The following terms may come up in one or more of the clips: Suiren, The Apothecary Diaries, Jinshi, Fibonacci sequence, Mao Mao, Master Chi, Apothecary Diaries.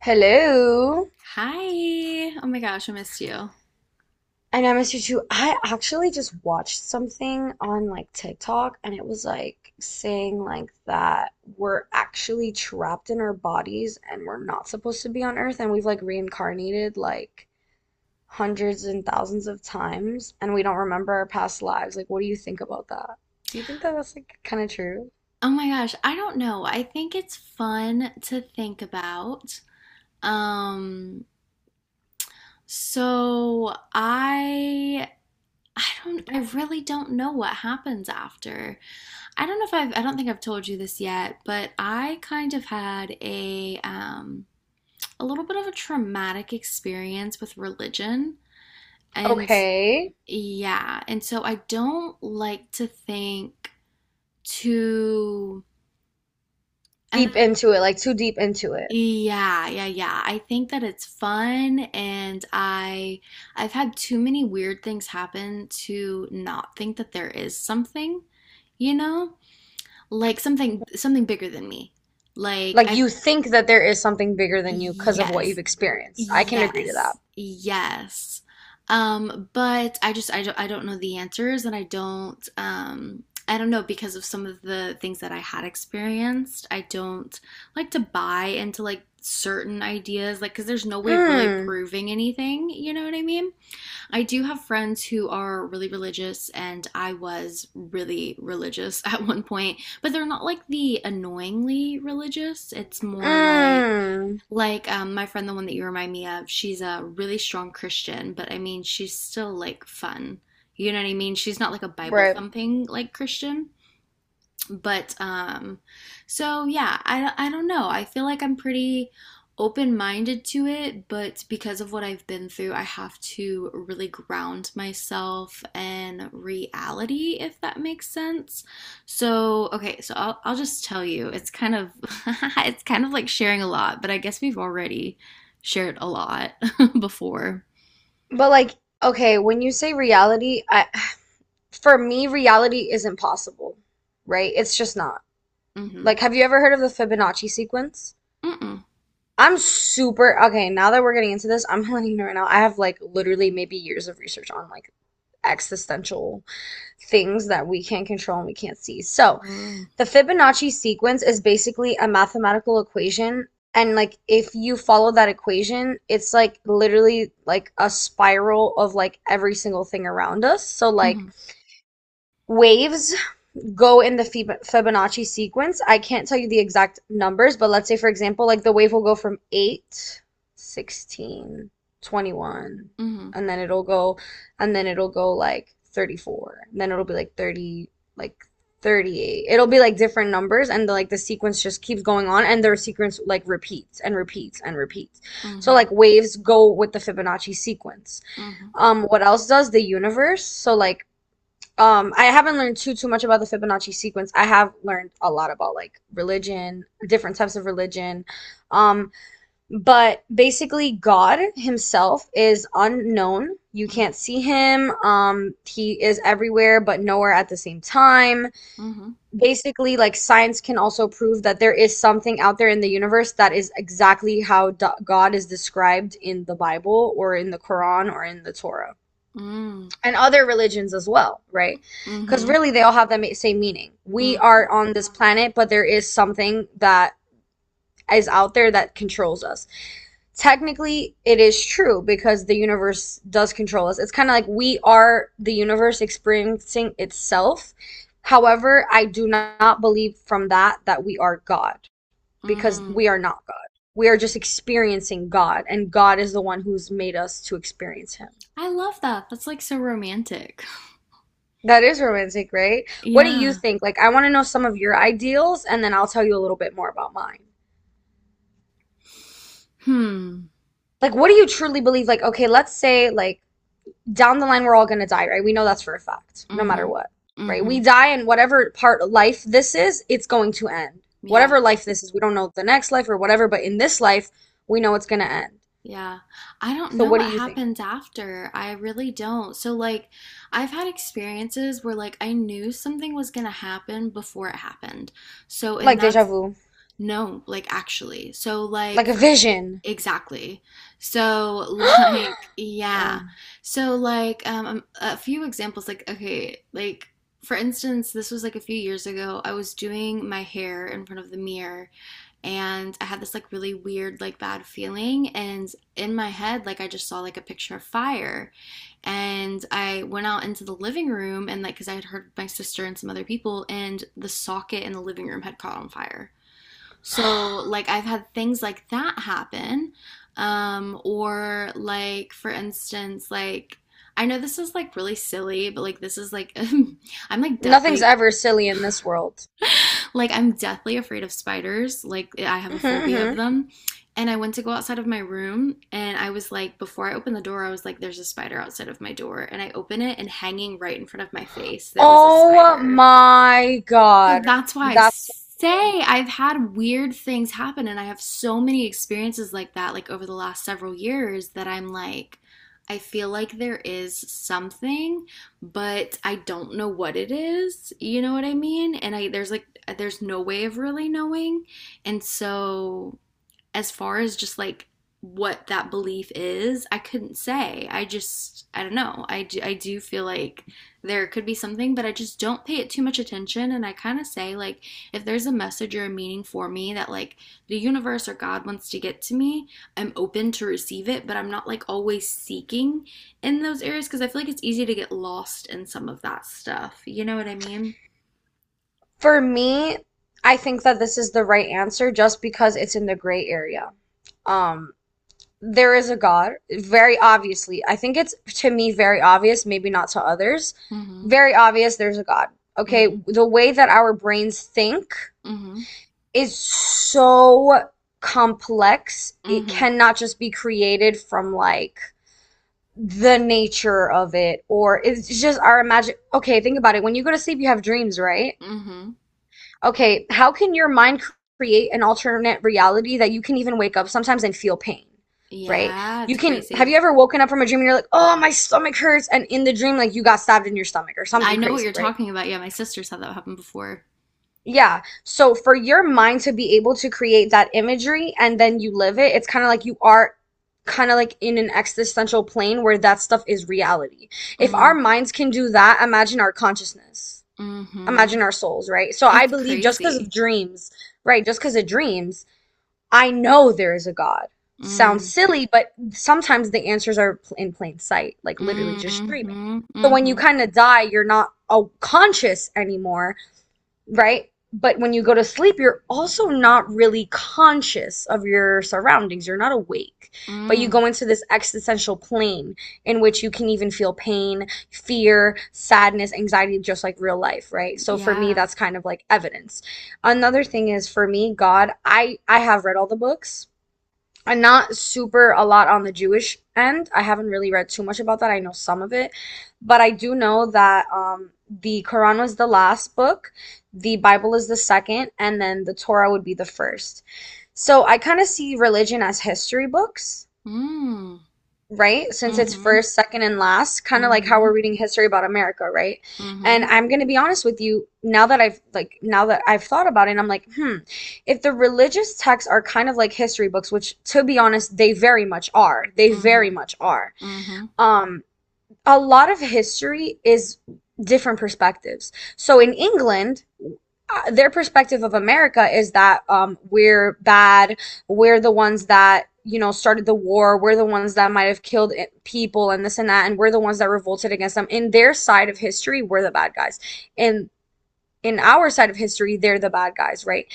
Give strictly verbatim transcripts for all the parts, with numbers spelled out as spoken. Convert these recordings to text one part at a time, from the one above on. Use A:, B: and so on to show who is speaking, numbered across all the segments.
A: Hello.
B: Hi. Oh my gosh, I missed you.
A: I know, I miss you too. I actually just watched something on like TikTok, and it was like saying like that we're actually trapped in our bodies and we're not supposed to be on Earth, and we've like reincarnated like hundreds and thousands of times, and we don't remember our past lives. Like, what do you think about that? Do you think that that's like kind of true?
B: Oh my gosh, I don't know. I think it's fun to think about. Um, so I I don't I really don't know what happens after. I don't know if I've, I don't think I've told you this yet, but I kind of had a um a little bit of a traumatic experience with religion and
A: Okay.
B: yeah, and so I don't like to think too and
A: Deep into it, like too deep into it.
B: Yeah, yeah, yeah, I think that it's fun, and I I've had too many weird things happen to not think that there is something, you know? Like something something bigger than me. Like
A: Like,
B: I've
A: you think that there is something bigger than you because of what you've
B: Yes.
A: experienced. I can agree to
B: Yes,
A: that.
B: yes. Um, but I just, I don't I don't know the answers, and I don't um I don't know because of some of the things that I had experienced. I don't like to buy into like certain ideas like because there's no way of really
A: Mm,
B: proving anything, you know what I mean? I do have friends who are really religious, and I was really religious at one point, but they're not like the annoyingly religious. It's more like,
A: mm,
B: like um, my friend, the one that you remind me of, she's a really strong Christian, but I mean, she's still like fun. You know what I mean? She's not like a Bible
A: right.
B: thumping like Christian, but um so yeah, i i don't know, I feel like I'm pretty open minded to it, but because of what I've been through, I have to really ground myself in reality, if that makes sense. So okay, so i'll, I'll just tell you it's kind of it's kind of like sharing a lot, but I guess we've already shared a lot before.
A: But like, okay, when you say reality, I, for me, reality isn't possible, right? It's just not.
B: Mhm.
A: Like, have you ever heard of the Fibonacci sequence?
B: Mhm.
A: I'm super, okay, now that we're getting into this, I'm letting you know right now, I have like literally maybe years of research on like existential things that we can't control and we can't see. So,
B: Mhm.
A: the Fibonacci sequence is basically a mathematical equation, and like if you follow that equation, it's like literally like a spiral of like every single thing around us. So like waves go in the Fibonacci sequence. I can't tell you the exact numbers, but let's say, for example, like the wave will go from eight, sixteen, twenty-one,
B: Mhm.
A: and then it'll go, and then it'll go like thirty-four, and then it'll be like thirty, like thirty-eight. It'll be like different numbers, and the, like the sequence just keeps going on, and their sequence like repeats and repeats and repeats. So
B: Mhm.
A: like waves go with the Fibonacci sequence.
B: Mhm.
A: Um, what else does the universe? So like um I haven't learned too too much about the Fibonacci sequence. I have learned a lot about like religion, different types of religion. um but basically, God himself is unknown. You can't see him. Um he is everywhere but nowhere at the same time.
B: Mhm.
A: Basically, like science can also prove that there is something out there in the universe that is exactly how God is described in the Bible or in the Quran or in the Torah
B: Mhm.
A: and other religions as well, right? Because
B: Mm-hmm.
A: really, they all have the same meaning. We
B: Mm-hmm.
A: are on this planet, but there is something that is out there that controls us. Technically, it is true because the universe does control us. It's kind of like we are the universe experiencing itself. However, I do not believe from that that we are God, because
B: Mm.
A: we are not God. We are just experiencing God, and God is the one who's made us to experience Him.
B: I love that. That's like so romantic.
A: That is romantic, right? What do you
B: Yeah.
A: think? Like, I want to know some of your ideals, and then I'll tell you a little bit more about mine.
B: Hmm.
A: Like, what do you truly believe? Like, okay, let's say, like, down the line, we're all gonna die, right? We know that's for a fact, no matter
B: Mm-hmm.
A: what, right?
B: Mm-hmm.
A: We die, and whatever part of life this is, it's going to end.
B: Yeah.
A: Whatever life this is, we don't know the next life or whatever, but in this life, we know it's gonna end.
B: Yeah. I don't
A: So,
B: know
A: what do
B: what
A: you think?
B: happens after. I really don't. So like I've had experiences where like I knew something was gonna happen before it happened. So, and
A: Like, deja
B: that's.
A: vu,
B: No, like, actually. So,
A: like
B: like.
A: a vision.
B: Exactly. So, like, yeah.
A: Wow.
B: So, like, um, um, a few examples, like, okay, like, for instance, this was like a few years ago. I was doing my hair in front of the mirror, and I had this like really weird, like, bad feeling. And in my head, like, I just saw like a picture of fire. And I went out into the living room, and like, because I had heard my sister and some other people, and the socket in the living room had caught on fire. So, like, I've had things like that happen. Um, or, like, for instance, like, I know this is like really silly, but like, this is like, I'm like
A: Nothing's
B: deathly,
A: ever silly in this world.
B: like, I'm deathly afraid of spiders. Like, I have a phobia of
A: Hmm.
B: them. And I went to go outside of my room, and I was like, before I opened the door, I was like, there's a spider outside of my door. And I open it, and hanging right in front of my face, there was a
A: Oh
B: spider.
A: my
B: So
A: God.
B: that's why I
A: That's so cool.
B: say I've had weird things happen, and I have so many experiences like that, like over the last several years, that I'm like, I feel like there is something, but I don't know what it is. You know what I mean? And I, there's like, there's no way of really knowing. And so, as far as just like what that belief is, I couldn't say. I just, I don't know. I do, I do feel like there could be something, but I just don't pay it too much attention. And I kind of say, like, if there's a message or a meaning for me that, like, the universe or God wants to get to me, I'm open to receive it, but I'm not, like, always seeking in those areas because I feel like it's easy to get lost in some of that stuff. You know what I mean?
A: For me, I think that this is the right answer just because it's in the gray area. Um, there is a God, very obviously. I think it's to me very obvious, maybe not to others.
B: Mm hmm.
A: Very obvious there's a God.
B: Mm
A: Okay,
B: hmm.
A: the way that our brains think
B: Mm hmm.
A: is so complex.
B: Mm
A: It
B: hmm.
A: cannot just be created from like the nature of it, or it's just our imagine. Okay, think about it. When you go to sleep, you have dreams, right?
B: Mm hmm.
A: Okay, how can your mind create an alternate reality that you can even wake up sometimes and feel pain, right?
B: Yeah,
A: You
B: it's
A: can, have you
B: crazy.
A: ever woken up from a dream and you're like, oh, my stomach hurts, and in the dream like you got stabbed in your stomach or
B: I
A: something
B: know what
A: crazy,
B: you're
A: right?
B: talking about. Yeah, my sister's had that happen before.
A: Yeah. So for your mind to be able to create that imagery and then you live it, it's kind of like you are kind of like in an existential plane where that stuff is reality. If our
B: Mm.
A: minds can do that, imagine our consciousness.
B: Hmm.
A: Imagine our souls, right? So I
B: It's
A: believe just because
B: crazy.
A: of dreams, right? Just because of dreams, I know there is a God. Sounds
B: Mm.
A: silly, but sometimes the answers are pl- in plain sight, like literally just dreaming.
B: Mm-hmm.
A: So when you
B: Mm-hmm.
A: kind of die, you're not uh, conscious anymore, right? But when you go to sleep, you're also not really conscious of your surroundings. You're not awake, but you
B: Mm.
A: go into this existential plane in which you can even feel pain, fear, sadness, anxiety, just like real life, right? So for me,
B: Yeah.
A: that's kind of like evidence. Another thing is for me, God, I I have read all the books. I'm not super a lot on the Jewish end. I haven't really read too much about that. I know some of it, but I do know that um, the Quran was the last book, the Bible is the second, and then the Torah would be the first. So I kind of see religion as history books,
B: Mm.
A: right? Since it's
B: Mm-hmm.
A: first, second, and last, kind of like how
B: Mm-hmm.
A: we're reading history about America, right? And
B: Mm-hmm.
A: I'm going to be honest with you, now that I've like now that I've thought about it, I'm like, hmm, if the religious texts are kind of like history books, which to be honest, they very much are. They very
B: Mm-hmm.
A: much are.
B: Mm-hmm.
A: Um, a lot of history is different perspectives. So in England, uh, their perspective of America is that um, we're bad, we're the ones that you know started the war, we're the ones that might have killed people and this and that, and we're the ones that revolted against them. In their side of history, we're the bad guys. In in our side of history, they're the bad guys, right?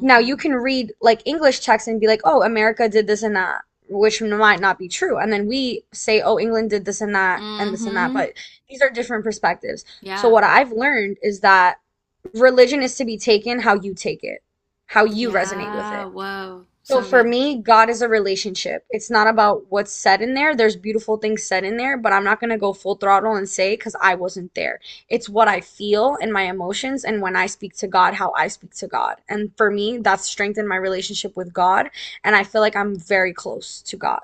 A: Now you can read like English texts and be like, oh, America did this and that, which might not be true. And then we say, oh, England did this and that and this and that.
B: Mm-hmm.
A: But these are different perspectives. So
B: Yeah.
A: what I've learned is that religion is to be taken how you take it, how you resonate with
B: Yeah.
A: it.
B: Whoa.
A: So
B: So
A: for
B: good.
A: me, God is a relationship. It's not about what's said in there. There's beautiful things said in there, but I'm not going to go full throttle and say because I wasn't there. It's what I feel and my emotions, and when I speak to God, how I speak to God. And for me, that's strengthened my relationship with God, and I feel like I'm very close to God.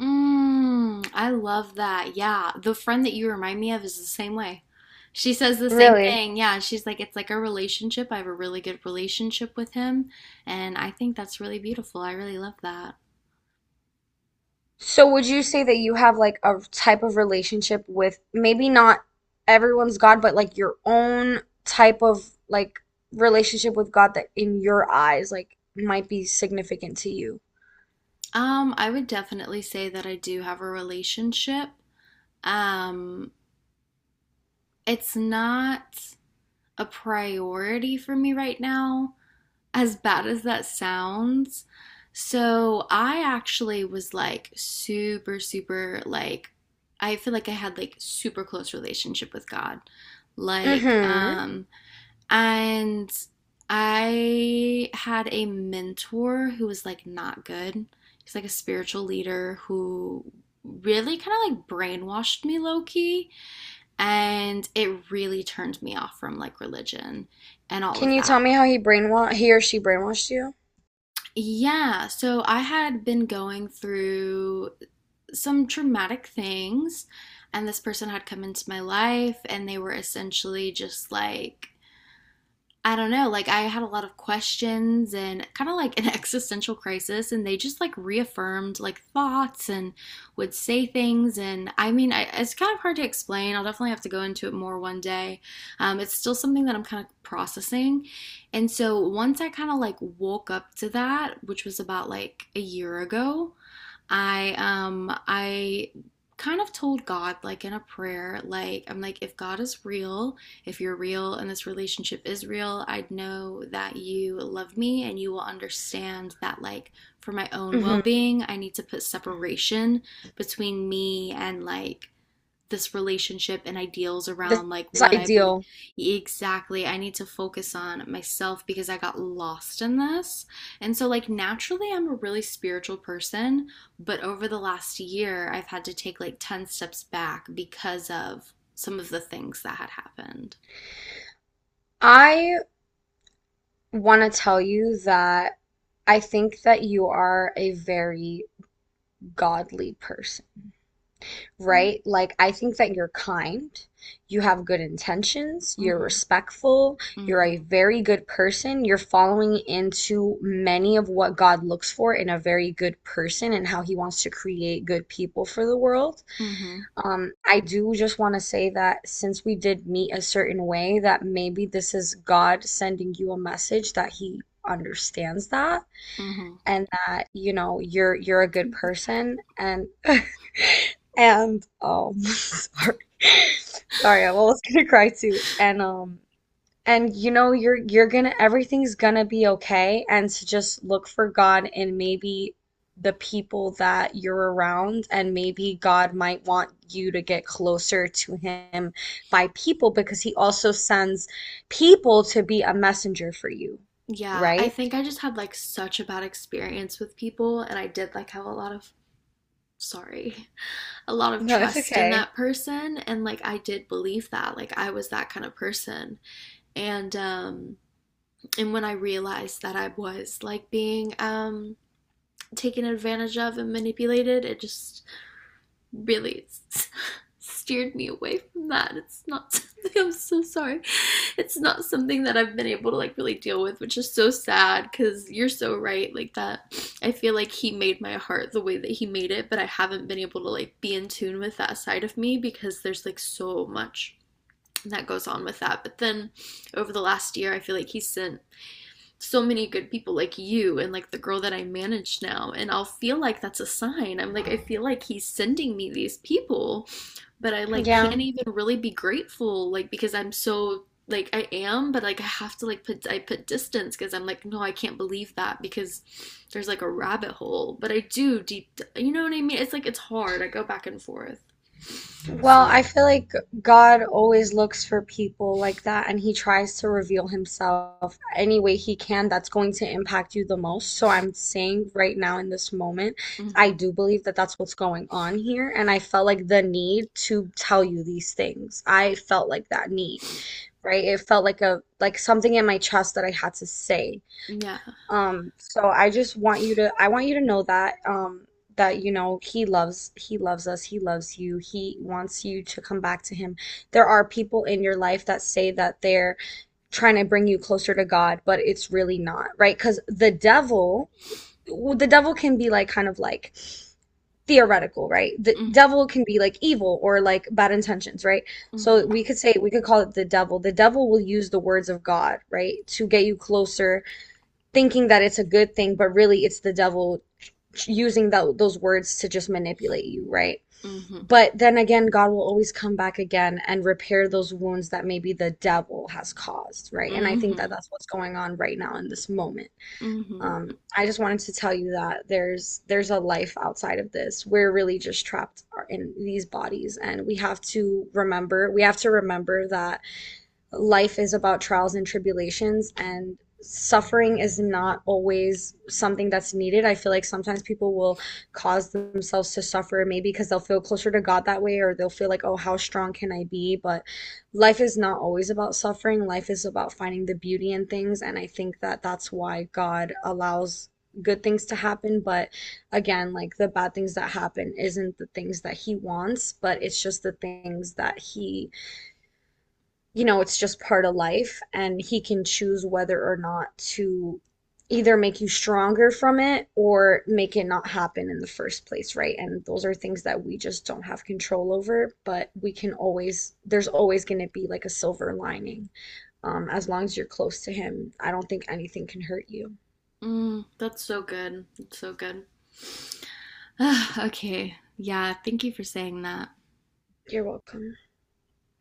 B: Mm, I love that. Yeah. The friend that you remind me of is the same way. She says the same
A: Really?
B: thing. Yeah. She's like, it's like a relationship. I have a really good relationship with him. And I think that's really beautiful. I really love that.
A: So would you say that you have like a type of relationship with maybe not everyone's God, but like your own type of like relationship with God that in your eyes like might be significant to you?
B: Um, I would definitely say that I do have a relationship. Um, it's not a priority for me right now, as bad as that sounds. So I actually was like super, super like I feel like I had like super close relationship with God. Like,
A: Mm-hmm.
B: um, and I had a mentor who was like not good. He's like a spiritual leader who really kind of like brainwashed me low key and it really turned me off from like religion and all
A: Can
B: of
A: you
B: that.
A: tell me how he brainwa he or she brainwashed you?
B: Yeah, so I had been going through some traumatic things, and this person had come into my life, and they were essentially just like, I don't know, like I had a lot of questions and kind of like an existential crisis, and they just like reaffirmed like thoughts and would say things. And I mean, I, it's kind of hard to explain. I'll definitely have to go into it more one day. Um, it's still something that I'm kind of processing. And so once I kind of like woke up to that, which was about like a year ago, I um I kind of told God like in a prayer, like I'm like, if God is real, if you're real and this relationship is real, I'd know that you love me and you will understand that, like, for my own
A: Mm-hmm.
B: well-being, I need to put separation between me and like this relationship and ideals
A: This,
B: around like
A: this
B: what I believe.
A: ideal.
B: Exactly. I need to focus on myself because I got lost in this. And so, like, naturally, I'm a really spiritual person, but over the last year, I've had to take like ten steps back because of some of the things that had happened.
A: I want to tell you that I think that you are a very godly person, right? Like, I think that you're kind, you have good intentions, you're
B: Mm-hmm.
A: respectful, you're a
B: Mm-hmm.
A: very good person, you're following into many of what God looks for in a very good person and how He wants to create good people for the world.
B: Mm-hmm.
A: Um, I do just want to say that since we did meet a certain way, that maybe this is God sending you a message that He understands that
B: Mm-hmm.
A: and that, you know, you're you're a good person, and and um sorry. Sorry, I'm almost gonna cry too. And um and you know you're you're gonna everything's gonna be okay, and to just look for God in maybe the people that you're around, and maybe God might want you to get closer to him by people, because he also sends people to be a messenger for you,
B: Yeah, I
A: right?
B: think I just had like such a bad experience with people, and I did like have a lot of sorry, a lot of
A: No, it's
B: trust in
A: okay.
B: that person, and like I did believe that like I was that kind of person, and um and when I realized that I was like being um taken advantage of and manipulated, it just really steered me away from that. It's not something. I'm so sorry. It's not something that I've been able to like really deal with, which is so sad cuz you're so right like that. I feel like he made my heart the way that he made it, but I haven't been able to like be in tune with that side of me because there's like so much that goes on with that. But then over the last year, I feel like he sent so many good people like you and like the girl that I manage now. And I'll feel like that's a sign. I'm like, I feel like he's sending me these people, but I like
A: Yeah.
B: can't even really be grateful, like, because I'm so like I am, but like I have to like put I put distance because I'm like, no, I can't believe that because there's like a rabbit hole. But I do deep, you know what I mean? It's like it's hard. I go back and forth.
A: Well, I
B: So,
A: feel like God always looks for people like that, and he tries to reveal himself any way he can that's going to impact you the most. So I'm saying right now in this moment, I
B: mhm.
A: do believe that that's what's going on here. And I felt like the need to tell you these things. I felt like that need, right? It felt like a, like something in my chest that I had to say.
B: Yeah.
A: Um, so I just want you to I want you to know that um that you know he loves he loves us, he loves you. He wants you to come back to him. There are people in your life that say that they're trying to bring you closer to God, but it's really not, right. Because the devil, well, the devil can be like kind of like theoretical, right? The
B: Mm-hmm.
A: devil can be like evil or like bad intentions, right? So
B: Mm-hmm.
A: we could say we could call it the devil. The devil will use the words of God, right, to get you closer, thinking that it's a good thing, but really it's the devil using that those words to just manipulate you, right?
B: Mm-hmm.
A: But then again, God will always come back again and repair those wounds that maybe the devil has caused, right? And I think
B: Mm-hmm.
A: that that's what's going on right now in this moment.
B: Mm-hmm.
A: Um, I just wanted to tell you that there's there's a life outside of this. We're really just trapped in these bodies, and we have to remember we have to remember that life is about trials and tribulations, and suffering is not always something that's needed. I feel like sometimes people will cause themselves to suffer, maybe because they'll feel closer to God that way, or they'll feel like, oh, how strong can I be? But life is not always about suffering. Life is about finding the beauty in things. And I think that that's why God allows good things to happen. But again, like the bad things that happen isn't the things that He wants, but it's just the things that He, you know, it's just part of life, and he can choose whether or not to either make you stronger from it or make it not happen in the first place, right? And those are things that we just don't have control over, but we can always, there's always going to be like a silver lining. Um, as long as you're close to him, I don't think anything can hurt you.
B: Mm, that's so good. That's so good. Okay. Yeah, thank you for saying that.
A: You're welcome.